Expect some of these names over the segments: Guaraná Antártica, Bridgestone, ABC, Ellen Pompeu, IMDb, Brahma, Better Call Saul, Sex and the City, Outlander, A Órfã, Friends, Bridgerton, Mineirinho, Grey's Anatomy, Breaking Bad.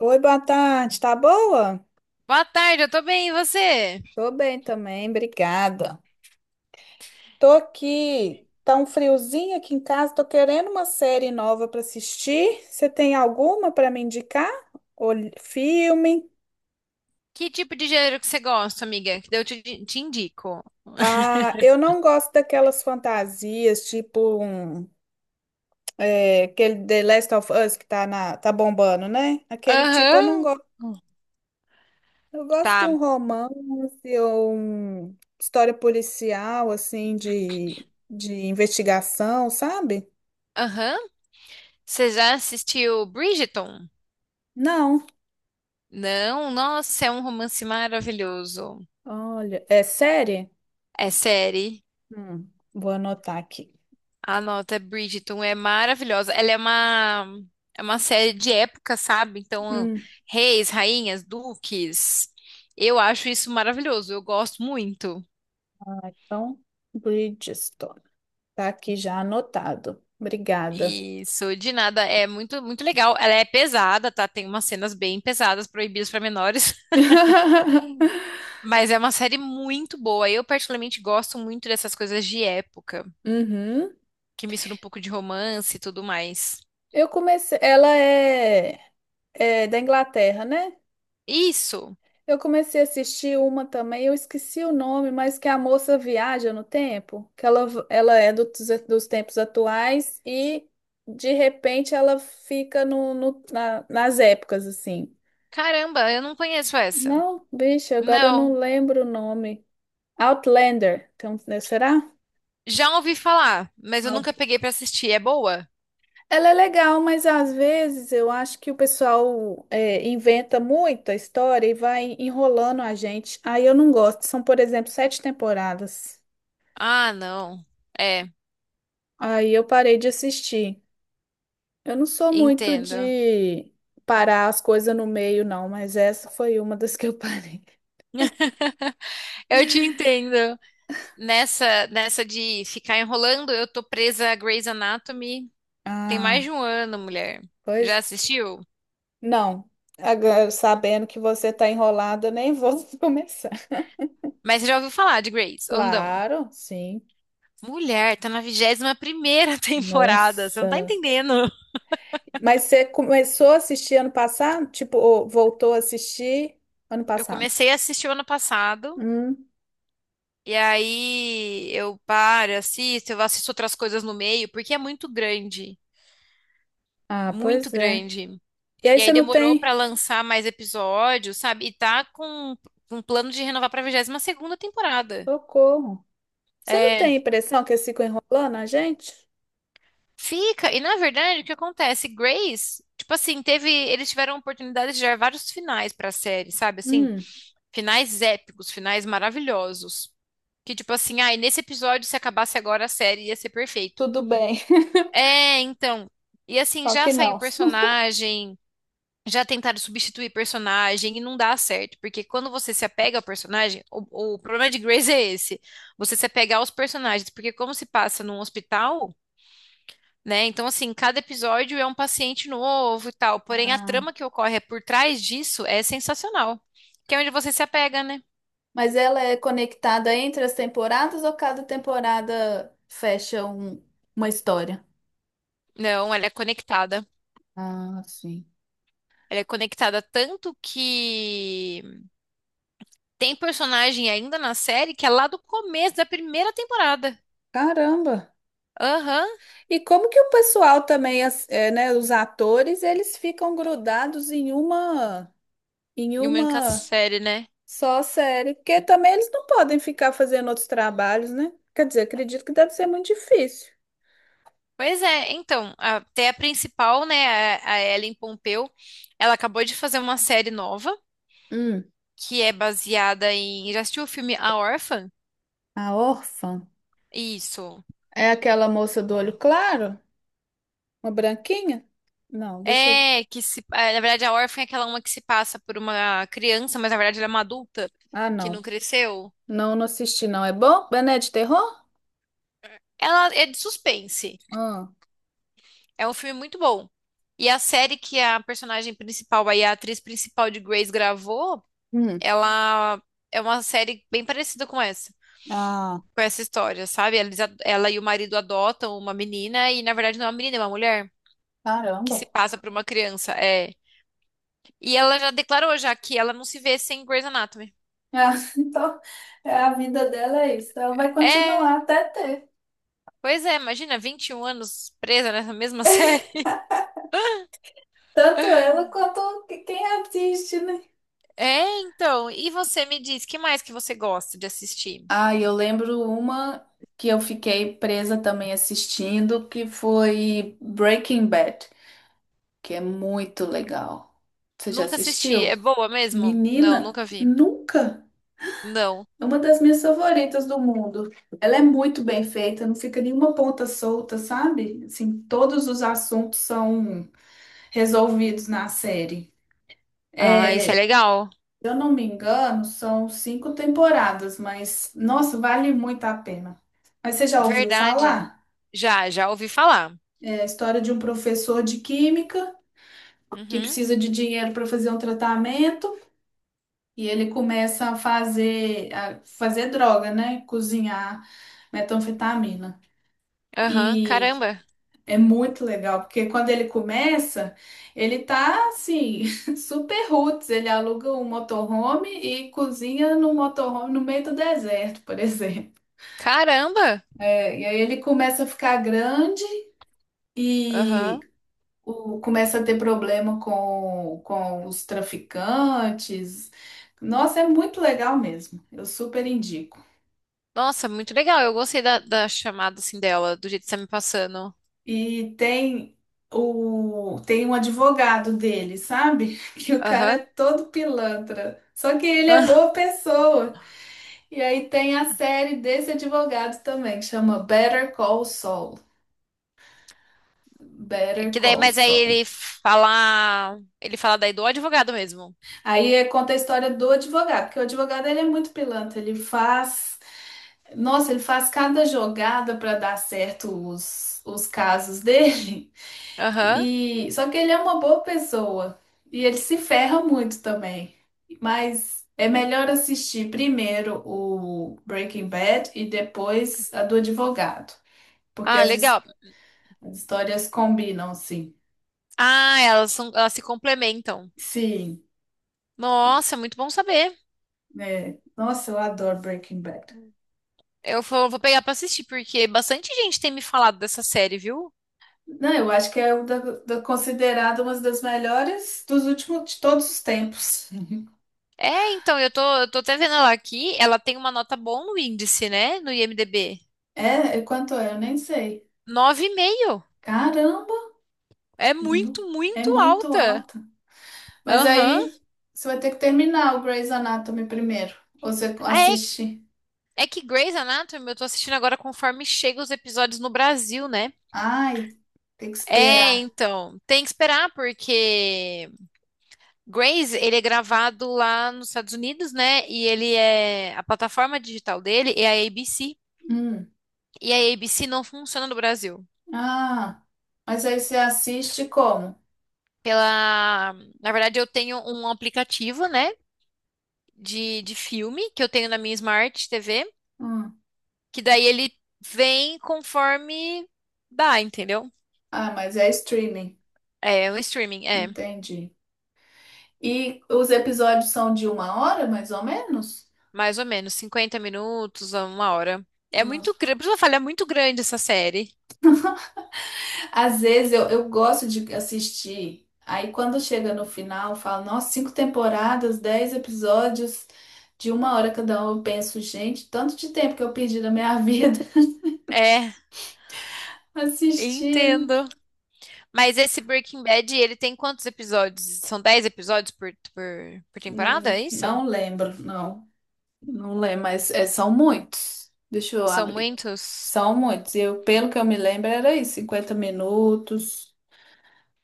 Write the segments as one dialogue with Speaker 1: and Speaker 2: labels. Speaker 1: Oi, boa tarde, tá boa?
Speaker 2: Boa tarde, eu tô bem, e você?
Speaker 1: Tô bem também, obrigada. Tô aqui, tá um friozinho aqui em casa, tô querendo uma série nova pra assistir. Você tem alguma pra me indicar? Ou filme?
Speaker 2: Que tipo de gênero que você gosta, amiga? Que daí eu te indico.
Speaker 1: Ah, eu não gosto daquelas fantasias, tipo um, é, aquele The Last of Us que tá bombando, né? Aquele tipo eu não
Speaker 2: Aham.
Speaker 1: gosto. Eu gosto de um
Speaker 2: Tá.
Speaker 1: romance ou um história policial, assim, de investigação, sabe?
Speaker 2: Aham. Você já assistiu Bridgerton?
Speaker 1: Não.
Speaker 2: Não? Nossa, é um romance maravilhoso.
Speaker 1: Olha, é série?
Speaker 2: É série.
Speaker 1: Hum, vou anotar aqui.
Speaker 2: Anota, Bridgerton é maravilhosa. Ela é uma série de época, sabe? Então,
Speaker 1: Hum,
Speaker 2: reis, rainhas, duques. Eu acho isso maravilhoso. Eu gosto muito.
Speaker 1: ah, então, Bridgestone. Tá aqui já anotado. Obrigada.
Speaker 2: Isso, de nada, é muito muito legal. Ela é pesada, tá? Tem umas cenas bem pesadas, proibidas para menores, mas é uma série muito boa. Eu particularmente gosto muito dessas coisas de época,
Speaker 1: Uhum.
Speaker 2: que mistura um pouco de romance e tudo mais.
Speaker 1: Eu comecei. Ela é da Inglaterra, né?
Speaker 2: Isso.
Speaker 1: Eu comecei a assistir uma também, eu esqueci o nome, mas que é a moça viaja no tempo, que ela é dos tempos atuais e de repente ela fica nas épocas assim.
Speaker 2: Caramba, eu não conheço essa.
Speaker 1: Não, bicho, agora eu não
Speaker 2: Não.
Speaker 1: lembro o nome. Outlander, então, né, será?
Speaker 2: Já ouvi falar, mas eu nunca
Speaker 1: Out-
Speaker 2: peguei pra assistir. É boa?
Speaker 1: Ela é legal, mas às vezes eu acho que o pessoal é, inventa muita história e vai enrolando a gente. Aí eu não gosto. São, por exemplo, 7 temporadas.
Speaker 2: Ah, não. É,
Speaker 1: Aí eu parei de assistir. Eu não sou muito
Speaker 2: entendo.
Speaker 1: de parar as coisas no meio, não, mas essa foi uma das que eu parei.
Speaker 2: Eu te entendo. Nessa de ficar enrolando, eu tô presa a Grey's Anatomy. Tem mais
Speaker 1: Ah,
Speaker 2: de um ano, mulher. Já
Speaker 1: pois
Speaker 2: assistiu?
Speaker 1: não. Agora, sabendo que você tá enrolada, eu nem vou começar.
Speaker 2: Mas você já ouviu falar de Grace, ou não?
Speaker 1: Claro, sim.
Speaker 2: Mulher, tá na 21ª temporada, você não tá
Speaker 1: Nossa.
Speaker 2: entendendo.
Speaker 1: Mas você começou a assistir ano passado? Tipo, ou voltou a assistir ano
Speaker 2: Eu
Speaker 1: passado?
Speaker 2: comecei a assistir o ano passado,
Speaker 1: Hum.
Speaker 2: e aí eu paro, assisto, eu assisto outras coisas no meio, porque é muito grande,
Speaker 1: Ah,
Speaker 2: muito
Speaker 1: pois é.
Speaker 2: grande.
Speaker 1: E aí
Speaker 2: E
Speaker 1: você
Speaker 2: aí
Speaker 1: não
Speaker 2: demorou pra
Speaker 1: tem?
Speaker 2: lançar mais episódios, sabe? E tá com um plano de renovar pra 22ª temporada.
Speaker 1: Socorro. Você não tem a
Speaker 2: É.
Speaker 1: impressão que eles ficam enrolando a gente?
Speaker 2: Fica, e na verdade, o que acontece? Grace, tipo assim, teve, eles tiveram a oportunidade de gerar vários finais pra série, sabe? Assim,
Speaker 1: Hum.
Speaker 2: finais épicos, finais maravilhosos. Que tipo assim, ai, nesse episódio, se acabasse agora a série, ia ser perfeito.
Speaker 1: Tudo bem,
Speaker 2: É, então. E assim,
Speaker 1: só
Speaker 2: já
Speaker 1: que
Speaker 2: saiu
Speaker 1: não.
Speaker 2: personagem, já tentaram substituir personagem e não dá certo, porque quando você se apega ao personagem, o problema de Grace é esse. Você se apega aos personagens, porque como se passa num hospital, né? Então, assim, cada episódio é um paciente novo e tal. Porém, a
Speaker 1: Ah,
Speaker 2: trama que ocorre por trás disso é sensacional. Que é onde você se apega, né?
Speaker 1: mas ela é conectada entre as temporadas ou cada temporada fecha uma história?
Speaker 2: Não, ela é conectada.
Speaker 1: Ah, sim.
Speaker 2: Ela é conectada tanto que tem personagem ainda na série que é lá do começo da primeira temporada.
Speaker 1: Caramba!
Speaker 2: Aham.
Speaker 1: E como que o pessoal também, é, né, os atores, eles ficam grudados em uma, em
Speaker 2: E uma única
Speaker 1: uma
Speaker 2: série, né?
Speaker 1: só série? Porque também eles não podem ficar fazendo outros trabalhos, né? Quer dizer, acredito que deve ser muito difícil.
Speaker 2: Pois é, então, até a principal, né, a Ellen Pompeu, ela acabou de fazer uma série nova,
Speaker 1: Hum,
Speaker 2: que é baseada em. Já assistiu o filme A Órfã?
Speaker 1: a órfã
Speaker 2: Isso.
Speaker 1: é aquela moça do olho claro? Uma branquinha? Não, deixa eu.
Speaker 2: É, na verdade a órfã é aquela uma que se passa por uma criança, mas na verdade ela é uma adulta
Speaker 1: Ah,
Speaker 2: que não
Speaker 1: não.
Speaker 2: cresceu.
Speaker 1: Não, não assisti, não. É bom? Mas não é de terror?
Speaker 2: Ela é de suspense.
Speaker 1: Ah,
Speaker 2: É um filme muito bom. E a série que a personagem principal, aí a atriz principal de Grace gravou,
Speaker 1: hum.
Speaker 2: ela é uma série bem parecida
Speaker 1: Ah,
Speaker 2: com essa história, sabe? Ela e o marido adotam uma menina e na verdade não é uma menina, é uma mulher que se
Speaker 1: caramba.
Speaker 2: passa por uma criança. É. E ela já declarou já que ela não se vê sem Grey's Anatomy.
Speaker 1: Ah, então, é, a vida dela é isso. Ela vai
Speaker 2: É.
Speaker 1: continuar até ter.
Speaker 2: Pois é, imagina 21 anos presa nessa mesma série.
Speaker 1: Tanto ela quanto que- quem assiste, né?
Speaker 2: É, então, e você me diz, que mais que você gosta de assistir?
Speaker 1: Ah, e eu lembro uma que eu fiquei presa também assistindo, que foi Breaking Bad, que é muito legal. Você já
Speaker 2: Nunca assisti.
Speaker 1: assistiu?
Speaker 2: É boa mesmo? Não,
Speaker 1: Menina,
Speaker 2: nunca vi.
Speaker 1: nunca.
Speaker 2: Não.
Speaker 1: É uma das minhas favoritas do mundo. Ela é muito bem feita, não fica nenhuma ponta solta, sabe? Assim, todos os assuntos são resolvidos na série.
Speaker 2: Ah, isso
Speaker 1: É,
Speaker 2: é
Speaker 1: se
Speaker 2: legal.
Speaker 1: eu não me engano, são 5 temporadas, mas nossa, vale muito a pena. Mas você já ouviu
Speaker 2: Verdade.
Speaker 1: falar?
Speaker 2: Já ouvi falar.
Speaker 1: É a história de um professor de química que
Speaker 2: Uhum.
Speaker 1: precisa de dinheiro para fazer um tratamento e ele começa a fazer, droga, né? Cozinhar metanfetamina.
Speaker 2: Aham,
Speaker 1: E
Speaker 2: caramba.
Speaker 1: é muito legal, porque quando ele começa, ele tá assim, super roots. Ele aluga um motorhome e cozinha no motorhome no meio do deserto, por exemplo.
Speaker 2: Caramba!
Speaker 1: É, e aí ele começa a ficar grande e
Speaker 2: Aham.
Speaker 1: o- começa a ter problema com os traficantes. Nossa, é muito legal mesmo. Eu super indico.
Speaker 2: Nossa, muito legal. Eu gostei da chamada assim dela, do jeito que você tá me passando.
Speaker 1: E tem o tem um advogado dele, sabe? Que o cara é
Speaker 2: Aham.
Speaker 1: todo pilantra. Só que ele é
Speaker 2: Ah,
Speaker 1: boa pessoa. E aí tem a série desse advogado também, que chama Better Call Saul.
Speaker 2: é.
Speaker 1: Better
Speaker 2: Que daí,
Speaker 1: Call
Speaker 2: mas aí
Speaker 1: Saul.
Speaker 2: ele fala daí do advogado mesmo.
Speaker 1: Aí é- conta a história do advogado, porque o advogado ele é muito pilantra, ele faz, nossa, ele faz cada jogada para dar certo os casos dele.
Speaker 2: Aham.
Speaker 1: E só que ele é uma boa pessoa e ele se ferra muito também. Mas é melhor assistir primeiro o Breaking Bad e depois a do advogado, porque
Speaker 2: Ah,
Speaker 1: as, his-
Speaker 2: legal.
Speaker 1: as histórias combinam, sim.
Speaker 2: Ah, elas são, elas se complementam.
Speaker 1: Sim.
Speaker 2: Nossa, é muito bom saber.
Speaker 1: É, nossa, eu adoro Breaking Bad.
Speaker 2: Eu vou pegar pra assistir, porque bastante gente tem me falado dessa série, viu?
Speaker 1: Não, eu acho que é o da, da- considerado uma das melhores dos últimos de todos os tempos.
Speaker 2: É, então, eu tô até vendo ela aqui. Ela tem uma nota boa no índice, né? No IMDb.
Speaker 1: É, é quanto é? Eu nem sei.
Speaker 2: 9,5.
Speaker 1: Caramba,
Speaker 2: É
Speaker 1: nu-
Speaker 2: muito,
Speaker 1: é
Speaker 2: muito
Speaker 1: muito
Speaker 2: alta.
Speaker 1: alta. Mas
Speaker 2: Aham.
Speaker 1: aí você vai ter que terminar o Grey's Anatomy primeiro. Ou você
Speaker 2: Ah, é,
Speaker 1: assiste.
Speaker 2: é que Grey's Anatomy eu tô assistindo agora conforme chegam os episódios no Brasil, né?
Speaker 1: Ai, tem que
Speaker 2: É,
Speaker 1: esperar.
Speaker 2: então, tem que esperar, porque Graze, ele é gravado lá nos Estados Unidos, né? E ele é a plataforma digital dele é a ABC.
Speaker 1: Hum.
Speaker 2: E a ABC não funciona no Brasil.
Speaker 1: Ah, mas aí você assiste como?
Speaker 2: Pela, Na verdade, eu tenho um aplicativo, né, de filme que eu tenho na minha Smart TV,
Speaker 1: Hum.
Speaker 2: que daí ele vem conforme dá, entendeu?
Speaker 1: Ah, mas é streaming.
Speaker 2: É o streaming, é,
Speaker 1: Entendi. E os episódios são de uma hora, mais ou menos?
Speaker 2: mais ou menos 50 minutos a uma hora. É
Speaker 1: Hum.
Speaker 2: muito grande, por isso que eu falei, é muito grande essa série.
Speaker 1: Às vezes eu gosto de assistir. Aí quando chega no final, eu falo, nossa, cinco temporadas, 10 episódios de uma hora cada um. Eu penso, gente, tanto de tempo que eu perdi na minha vida
Speaker 2: É,
Speaker 1: assistindo.
Speaker 2: entendo. Mas esse Breaking Bad, ele tem quantos episódios? São 10 episódios por temporada, é isso?
Speaker 1: Não lembro, não. Não lembro, mas é, são muitos. Deixa eu
Speaker 2: São
Speaker 1: abrir aqui.
Speaker 2: muitos?
Speaker 1: São muitos. Eu, pelo que eu me lembro, era isso, 50 minutos.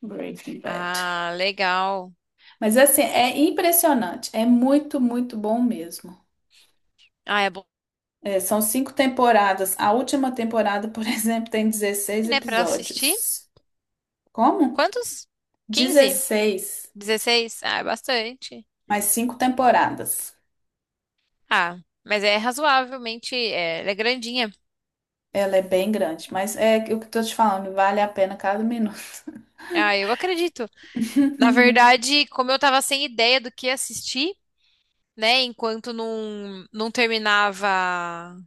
Speaker 1: Breaking Bad.
Speaker 2: Ah, legal.
Speaker 1: Mas assim, é impressionante. É muito, muito bom mesmo.
Speaker 2: Ah, é bom,
Speaker 1: É, são 5 temporadas. A última temporada, por exemplo, tem 16
Speaker 2: né, pra assistir?
Speaker 1: episódios. Como?
Speaker 2: Quantos? 15?
Speaker 1: 16
Speaker 2: 16? Ah, é bastante.
Speaker 1: mais 5 temporadas.
Speaker 2: Ah, mas é razoavelmente, é, ela é grandinha.
Speaker 1: Ela é bem grande, mas é o que eu tô te falando, vale a pena cada minuto.
Speaker 2: Ah, eu acredito. Na verdade, como eu tava sem ideia do que assistir, né, enquanto não terminava,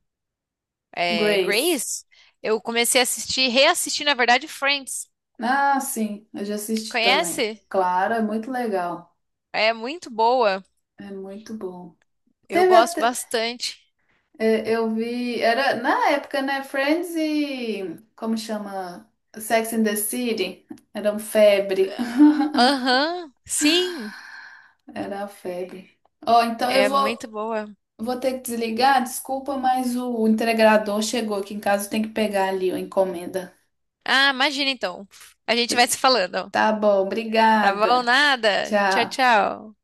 Speaker 2: é,
Speaker 1: Grace.
Speaker 2: Grace, eu comecei a assistir, reassistir, na verdade, Friends.
Speaker 1: Ah, sim, eu já assisti também.
Speaker 2: Conhece?
Speaker 1: Claro, é muito legal.
Speaker 2: É muito boa.
Speaker 1: É muito bom.
Speaker 2: Eu
Speaker 1: Teve
Speaker 2: gosto
Speaker 1: até.
Speaker 2: bastante.
Speaker 1: É, eu vi. Era na época, né? Friends e. Como chama? Sex and the City. Eram febre.
Speaker 2: Ah, aham, sim,
Speaker 1: Era a febre. Ó, então eu
Speaker 2: é
Speaker 1: vou,
Speaker 2: muito boa.
Speaker 1: vou ter que desligar, desculpa, mas o entregador chegou aqui em casa, tem que pegar ali a encomenda.
Speaker 2: Ah, imagina então. A gente vai se falando.
Speaker 1: Tá bom,
Speaker 2: Tá bom?
Speaker 1: obrigada.
Speaker 2: Nada. Tchau,
Speaker 1: Tchau.
Speaker 2: tchau.